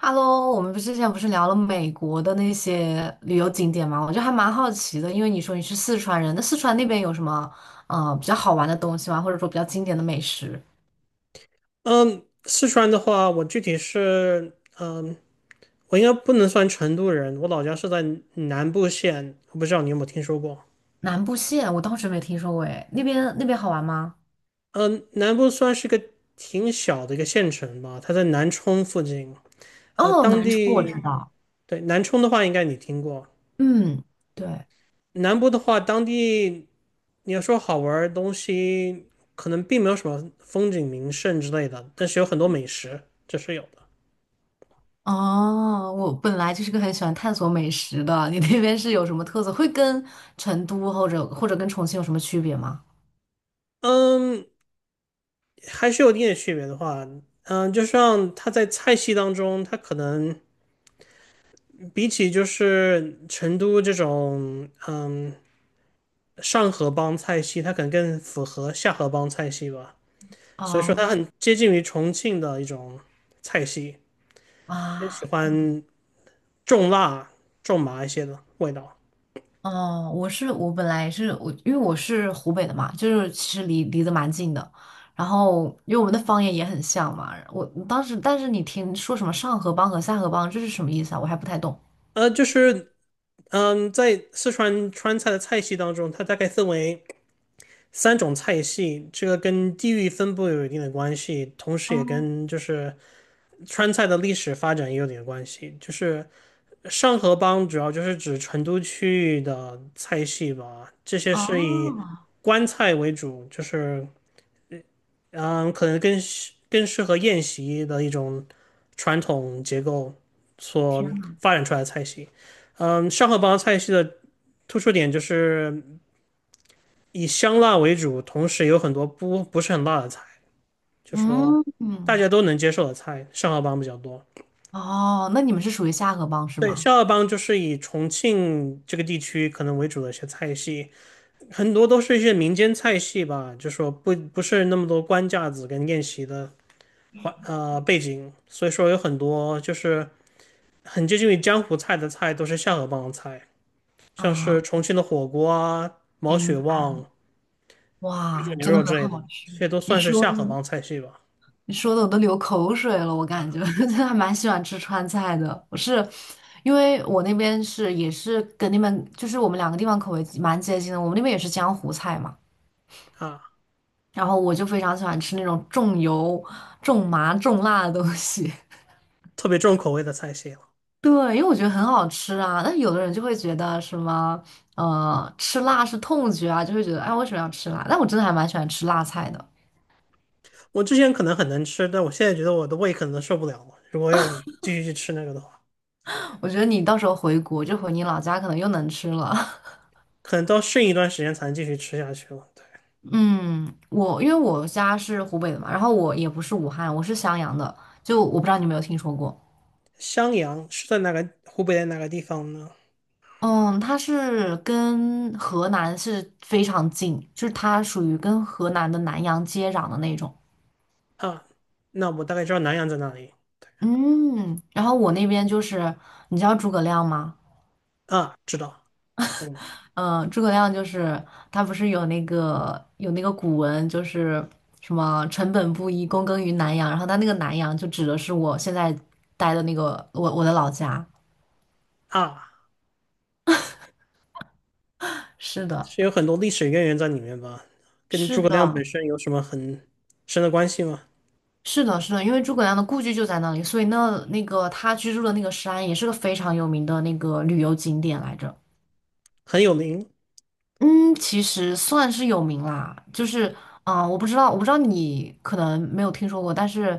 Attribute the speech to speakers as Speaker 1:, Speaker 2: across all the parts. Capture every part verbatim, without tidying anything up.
Speaker 1: Hello,我们不是之前不是聊了美国的那些旅游景点吗？我就还蛮好奇的，因为你说你是四川人，那四川那边有什么呃比较好玩的东西吗？或者说比较经典的美食？
Speaker 2: 嗯，四川的话，我具体是，嗯，我应该不能算成都人，我老家是在南部县，我不知道你有没有听说过。
Speaker 1: 南部县我倒是没听说过，诶，那边那边好玩吗？
Speaker 2: 嗯，南部算是个挺小的一个县城吧，它在南充附近。呃，
Speaker 1: 哦，
Speaker 2: 当
Speaker 1: 南充我知
Speaker 2: 地，
Speaker 1: 道，
Speaker 2: 对，南充的话应该你听过，
Speaker 1: 嗯，对，
Speaker 2: 南部的话，当地你要说好玩儿的东西，可能并没有什么风景名胜之类的，但是有很多美食，这是有的。
Speaker 1: 哦，我本来就是个很喜欢探索美食的，你那边是有什么特色？会跟成都或者或者跟重庆有什么区别吗？
Speaker 2: 嗯，还是有一点区别的话，嗯，就像它在菜系当中，它可能比起就是成都这种，嗯，上河帮菜系，它可能更符合下河帮菜系吧。所以说它
Speaker 1: 哦
Speaker 2: 很接近于重庆的一种菜系，更喜
Speaker 1: 啊。
Speaker 2: 欢重辣、重麻一些的味道。
Speaker 1: 哦，我是我本来是我，因为我是湖北的嘛，就是其实离离得蛮近的。然后因为我们的方言也很像嘛，我当时但是你听说什么上河帮和下河帮，这是什么意思啊？我还不太懂。
Speaker 2: 呃，就是嗯，在四川川菜的菜系当中，它大概分为三种菜系，这个跟地域分布有一定的关系，同时也
Speaker 1: 哦，
Speaker 2: 跟就是川菜的历史发展也有点关系，就是上河帮主要就是指成都区域的菜系吧，这些是以
Speaker 1: 哦，
Speaker 2: 官菜为主，就是嗯，可能更更适合宴席的一种传统结构
Speaker 1: 天
Speaker 2: 所
Speaker 1: 呐，
Speaker 2: 发展出来的菜系。嗯，上河帮菜系的突出点就是以香辣为主，同时有很多不不是很辣的菜，就是说
Speaker 1: 嗯
Speaker 2: 大
Speaker 1: 嗯，
Speaker 2: 家都能接受的菜，上河帮比较多。
Speaker 1: 哦，那你们是属于下河帮是
Speaker 2: 对，
Speaker 1: 吗？
Speaker 2: 下河帮就是以重庆这个地区可能为主的一些菜系，很多都是一些民间菜系吧，就说不不是那么多官架子跟宴席的呃背景，所以说有很多就是很接近于江湖菜的菜都是下河帮菜，像
Speaker 1: 啊，
Speaker 2: 是重庆的火锅啊、毛
Speaker 1: 明
Speaker 2: 血
Speaker 1: 白了，
Speaker 2: 旺、水煮
Speaker 1: 哇，
Speaker 2: 牛
Speaker 1: 真的
Speaker 2: 肉
Speaker 1: 很
Speaker 2: 之类
Speaker 1: 好
Speaker 2: 的，
Speaker 1: 吃。
Speaker 2: 这些都
Speaker 1: 你
Speaker 2: 算是
Speaker 1: 说
Speaker 2: 下河
Speaker 1: 呢
Speaker 2: 帮菜系吧。
Speaker 1: 你说的我都流口水了，我感
Speaker 2: 啊
Speaker 1: 觉 真的还蛮喜欢吃川菜的。我是因为我那边是也是跟你们就是我们两个地方口味蛮接近的，我们那边也是江湖菜嘛，
Speaker 2: 啊，
Speaker 1: 然后我就非常喜欢吃那种重油、重麻、重辣的东西。
Speaker 2: 特别重口味的菜系了。
Speaker 1: 对，因为我觉得很好吃啊。但有的人就会觉得什么呃吃辣是痛觉啊，就会觉得哎为什么要吃辣？但我真的还蛮喜欢吃辣菜的。
Speaker 2: 我之前可能很能吃，但我现在觉得我的胃可能受不了了。如果要我继续去吃那个的话。
Speaker 1: 我觉得你到时候回国就回你老家，可能又能吃了。
Speaker 2: 可能都应一段时间才能继续吃下去了。对，
Speaker 1: 嗯，我因为我家是湖北的嘛，然后我也不是武汉，我是襄阳的，就我不知道你有没有听说过。
Speaker 2: 襄阳是在哪个湖北的哪个地方呢？
Speaker 1: 嗯，它是跟河南是非常近，就是它属于跟河南的南阳接壤的那种。
Speaker 2: 啊，那我大概知道南阳在哪里。
Speaker 1: 嗯，然后我那边就是，你知道诸葛亮吗？
Speaker 2: 啊，知道。
Speaker 1: 嗯，诸葛亮就是他不是有那个有那个古文，就是什么"臣本布衣，躬耕于南阳"，然后他那个南阳就指的是我现在待的那个我我的老家。
Speaker 2: 啊，
Speaker 1: 是的。
Speaker 2: 是有很多历史渊源在里面吧？跟
Speaker 1: 是
Speaker 2: 诸葛亮
Speaker 1: 的，
Speaker 2: 本身有什么很深的关系吗？
Speaker 1: 是的，是的，因为诸葛亮的故居就在那里，所以那那个他居住的那个山也是个非常有名的那个旅游景点来着。
Speaker 2: 很有名，
Speaker 1: 嗯，其实算是有名啦，就是啊、呃我不知道，我不知道你可能没有听说过，但是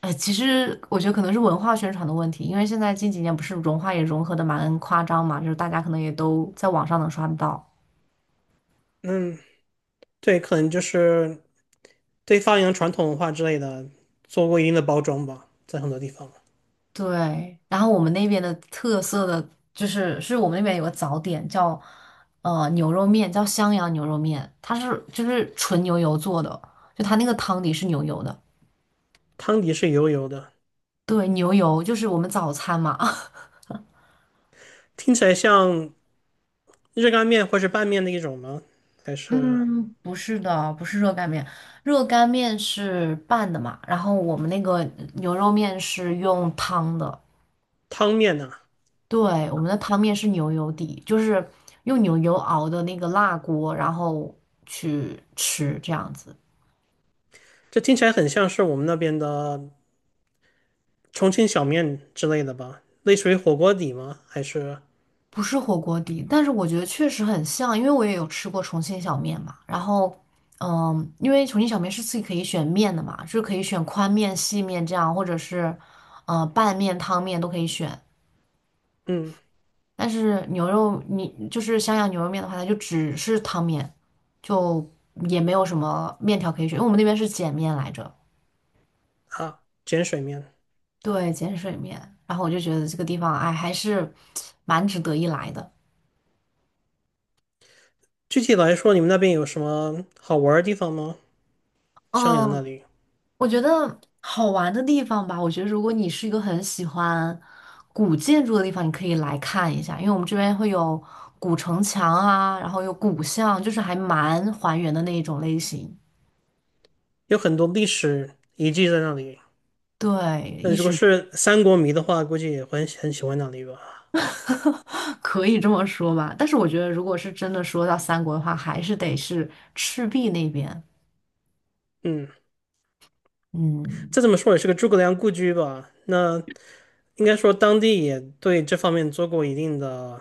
Speaker 1: 呃，其实我觉得可能是文化宣传的问题，因为现在近几年不是文化也融合的蛮夸张嘛，就是大家可能也都在网上能刷得到。
Speaker 2: 嗯，对，可能就是对发扬传统文化之类的做过一定的包装吧，在很多地方。
Speaker 1: 对，然后我们那边的特色的就是，是我们那边有个早点叫呃牛肉面，叫襄阳牛肉面，它是就是纯牛油做的，就它那个汤底是牛油的。
Speaker 2: 汤底是油油的，
Speaker 1: 对，牛油就是我们早餐嘛。
Speaker 2: 听起来像热干面或是拌面的一种吗？还是
Speaker 1: 嗯，不是的，不是热干面，热干面是拌的嘛，然后我们那个牛肉面是用汤的，
Speaker 2: 汤面呢、
Speaker 1: 对，我们的汤面是牛油底，就是用牛油熬的那个辣锅，然后去吃这样子。
Speaker 2: 这听起来很像是我们那边的重庆小面之类的吧？类似于火锅底吗？还是
Speaker 1: 不是火锅底，但是我觉得确实很像，因为我也有吃过重庆小面嘛。然后，嗯，因为重庆小面是自己可以选面的嘛，就是可以选宽面、细面这样，或者是呃拌面、汤面都可以选。
Speaker 2: 嗯
Speaker 1: 但是牛肉，你就是襄阳牛肉面的话，它就只是汤面，就也没有什么面条可以选，因为我们那边是碱面来着，
Speaker 2: 啊碱水面？
Speaker 1: 对，碱水面。然后我就觉得这个地方，哎，还是蛮值得一来的。
Speaker 2: 具体来说，你们那边有什么好玩的地方吗？襄阳
Speaker 1: 嗯，
Speaker 2: 那里
Speaker 1: 我觉得好玩的地方吧，我觉得如果你是一个很喜欢古建筑的地方，你可以来看一下，因为我们这边会有古城墙啊，然后有古巷，就是还蛮还原的那一种类型。
Speaker 2: 有很多历史遗迹在那里。
Speaker 1: 对，
Speaker 2: 那
Speaker 1: 一
Speaker 2: 如果
Speaker 1: 是
Speaker 2: 是三国迷的话，估计也会很很喜欢那里吧。
Speaker 1: 可以这么说吧，但是我觉得如果是真的说到三国的话，还是得是赤壁那边。
Speaker 2: 嗯，
Speaker 1: 嗯，
Speaker 2: 再怎么说也是个诸葛亮故居吧。那应该说当地也对这方面做过一定的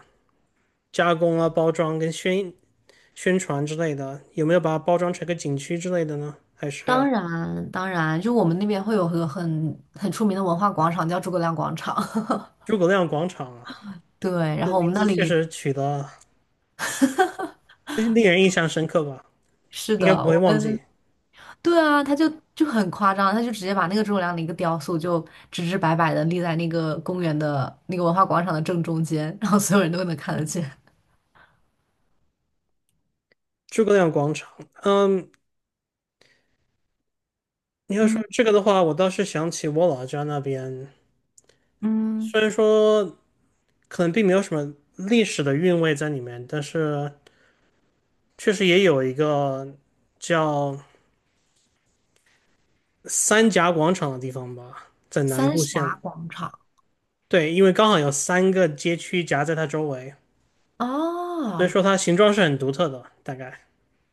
Speaker 2: 加工啊、包装跟宣宣传之类的，有没有把它包装成个景区之类的呢？还是
Speaker 1: 当然，当然，就我们那边会有个很很出名的文化广场，叫诸葛亮广场。
Speaker 2: 诸葛亮广场啊？
Speaker 1: 对，然
Speaker 2: 这
Speaker 1: 后我
Speaker 2: 名
Speaker 1: 们那
Speaker 2: 字确
Speaker 1: 里。
Speaker 2: 实取得令人印象深刻吧？
Speaker 1: 是
Speaker 2: 应
Speaker 1: 的，
Speaker 2: 该不会
Speaker 1: 我
Speaker 2: 忘
Speaker 1: 们
Speaker 2: 记
Speaker 1: 对啊，他就就很夸张，他就直接把那个诸葛亮的一个雕塑就直直白白的立在那个公园的那个文化广场的正中间，然后所有人都能看得见。
Speaker 2: 诸葛亮广场。嗯，你要说
Speaker 1: 嗯
Speaker 2: 这个的话，我倒是想起我老家那边，
Speaker 1: 嗯，
Speaker 2: 虽然说可能并没有什么历史的韵味在里面，但是确实也有一个叫三峡广场的地方吧，在南
Speaker 1: 三
Speaker 2: 部县。
Speaker 1: 峡广场
Speaker 2: 对，因为刚好有三个街区夹在它周围。所以
Speaker 1: 哦，
Speaker 2: 说它形状是很独特的。大概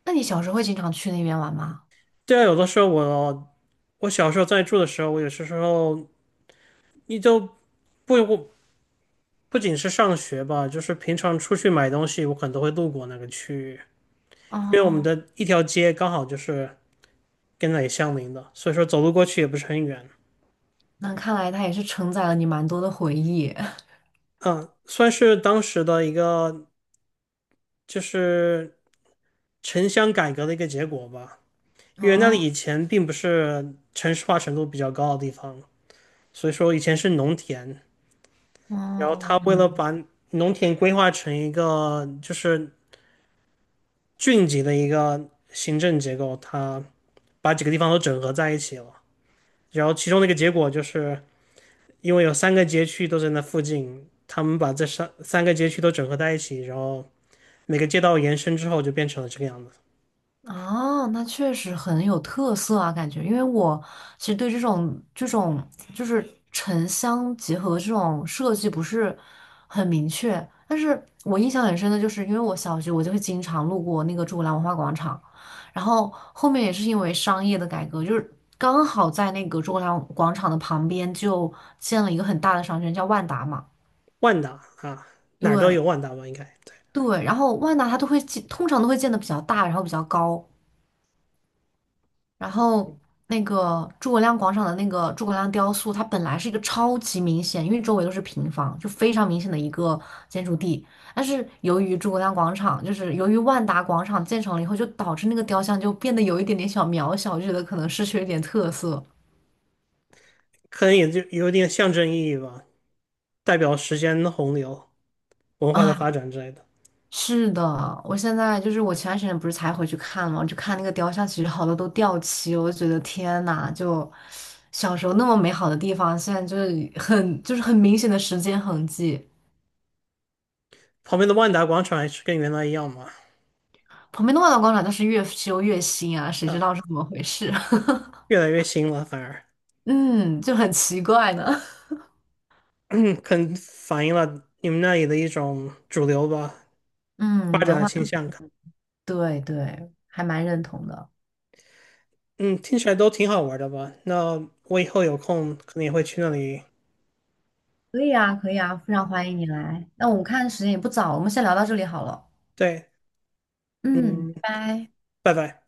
Speaker 1: 那你小时候会经常去那边玩吗？
Speaker 2: 对啊，有的时候我我小时候在住的时候，我有些时候你就不不不仅是上学吧，就是平常出去买东西，我可能都会路过那个区域，因为我们
Speaker 1: 哦
Speaker 2: 的一条街刚好就是跟那里相邻的，所以说走路过去也不是很远。
Speaker 1: 那看来它也是承载了你蛮多的回忆。
Speaker 2: 嗯，算是当时的一个就是城乡改革的一个结果吧，因为那
Speaker 1: 哦
Speaker 2: 里以前并不是城市化程度比较高的地方，所以说以前是农田，然后
Speaker 1: 哦，
Speaker 2: 他为了把农田规划成一个就是郡级的一个行政结构，他把几个地方都整合在一起了。然后其中的一个结果就是，因为有三个街区都在那附近，他们把这三三个街区都整合在一起，然后每个街道延伸之后就变成了这个样子。
Speaker 1: 啊，那确实很有特色啊，感觉，因为我其实对这种这种就是城乡结合这种设计不是很明确，但是我印象很深的就是，因为我小学我就会经常路过那个诸葛亮文化广场，然后后面也是因为商业的改革，就是刚好在那个诸葛亮广场的旁边就建了一个很大的商圈，叫万达嘛，
Speaker 2: 万达啊，哪儿都
Speaker 1: 对
Speaker 2: 有万达吧？应该对，
Speaker 1: 对，然后万达它都会建，通常都会建的比较大，然后比较高。然后那个诸葛亮广场的那个诸葛亮雕塑，它本来是一个超级明显，因为周围都是平房，就非常明显的一个建筑地。但是由于诸葛亮广场，就是由于万达广场建成了以后，就导致那个雕像就变得有一点点小渺小，就觉得可能失去了一点特色。
Speaker 2: 可能也就有点象征意义吧，代表时间的洪流、文化的
Speaker 1: 啊，
Speaker 2: 发展之类的。
Speaker 1: 是的，我现在就是我前段时间不是才回去看嘛，就看那个雕像，其实好多都掉漆，我就觉得天呐，就小时候那么美好的地方，现在就是很就是很明显的时间痕迹。
Speaker 2: 旁边的万达广场还是跟原来一样嘛？
Speaker 1: 旁边的万达广场倒是越修越新啊，谁知
Speaker 2: 啊，
Speaker 1: 道是怎么回事？
Speaker 2: 越来越新了，反而
Speaker 1: 嗯，就很奇怪呢。
Speaker 2: 可能反映了你们那里的一种主流吧，发
Speaker 1: 嗯，
Speaker 2: 展
Speaker 1: 文
Speaker 2: 的
Speaker 1: 化，
Speaker 2: 倾向感。
Speaker 1: 对对，还蛮认同的。
Speaker 2: 嗯，听起来都挺好玩的吧？那我以后有空可能也会去那里。
Speaker 1: 可以啊，可以啊，非常欢迎你来。那我们看时间也不早了，我们先聊到这里好了。
Speaker 2: 对，
Speaker 1: 嗯，
Speaker 2: 嗯，
Speaker 1: 拜拜。
Speaker 2: 拜拜。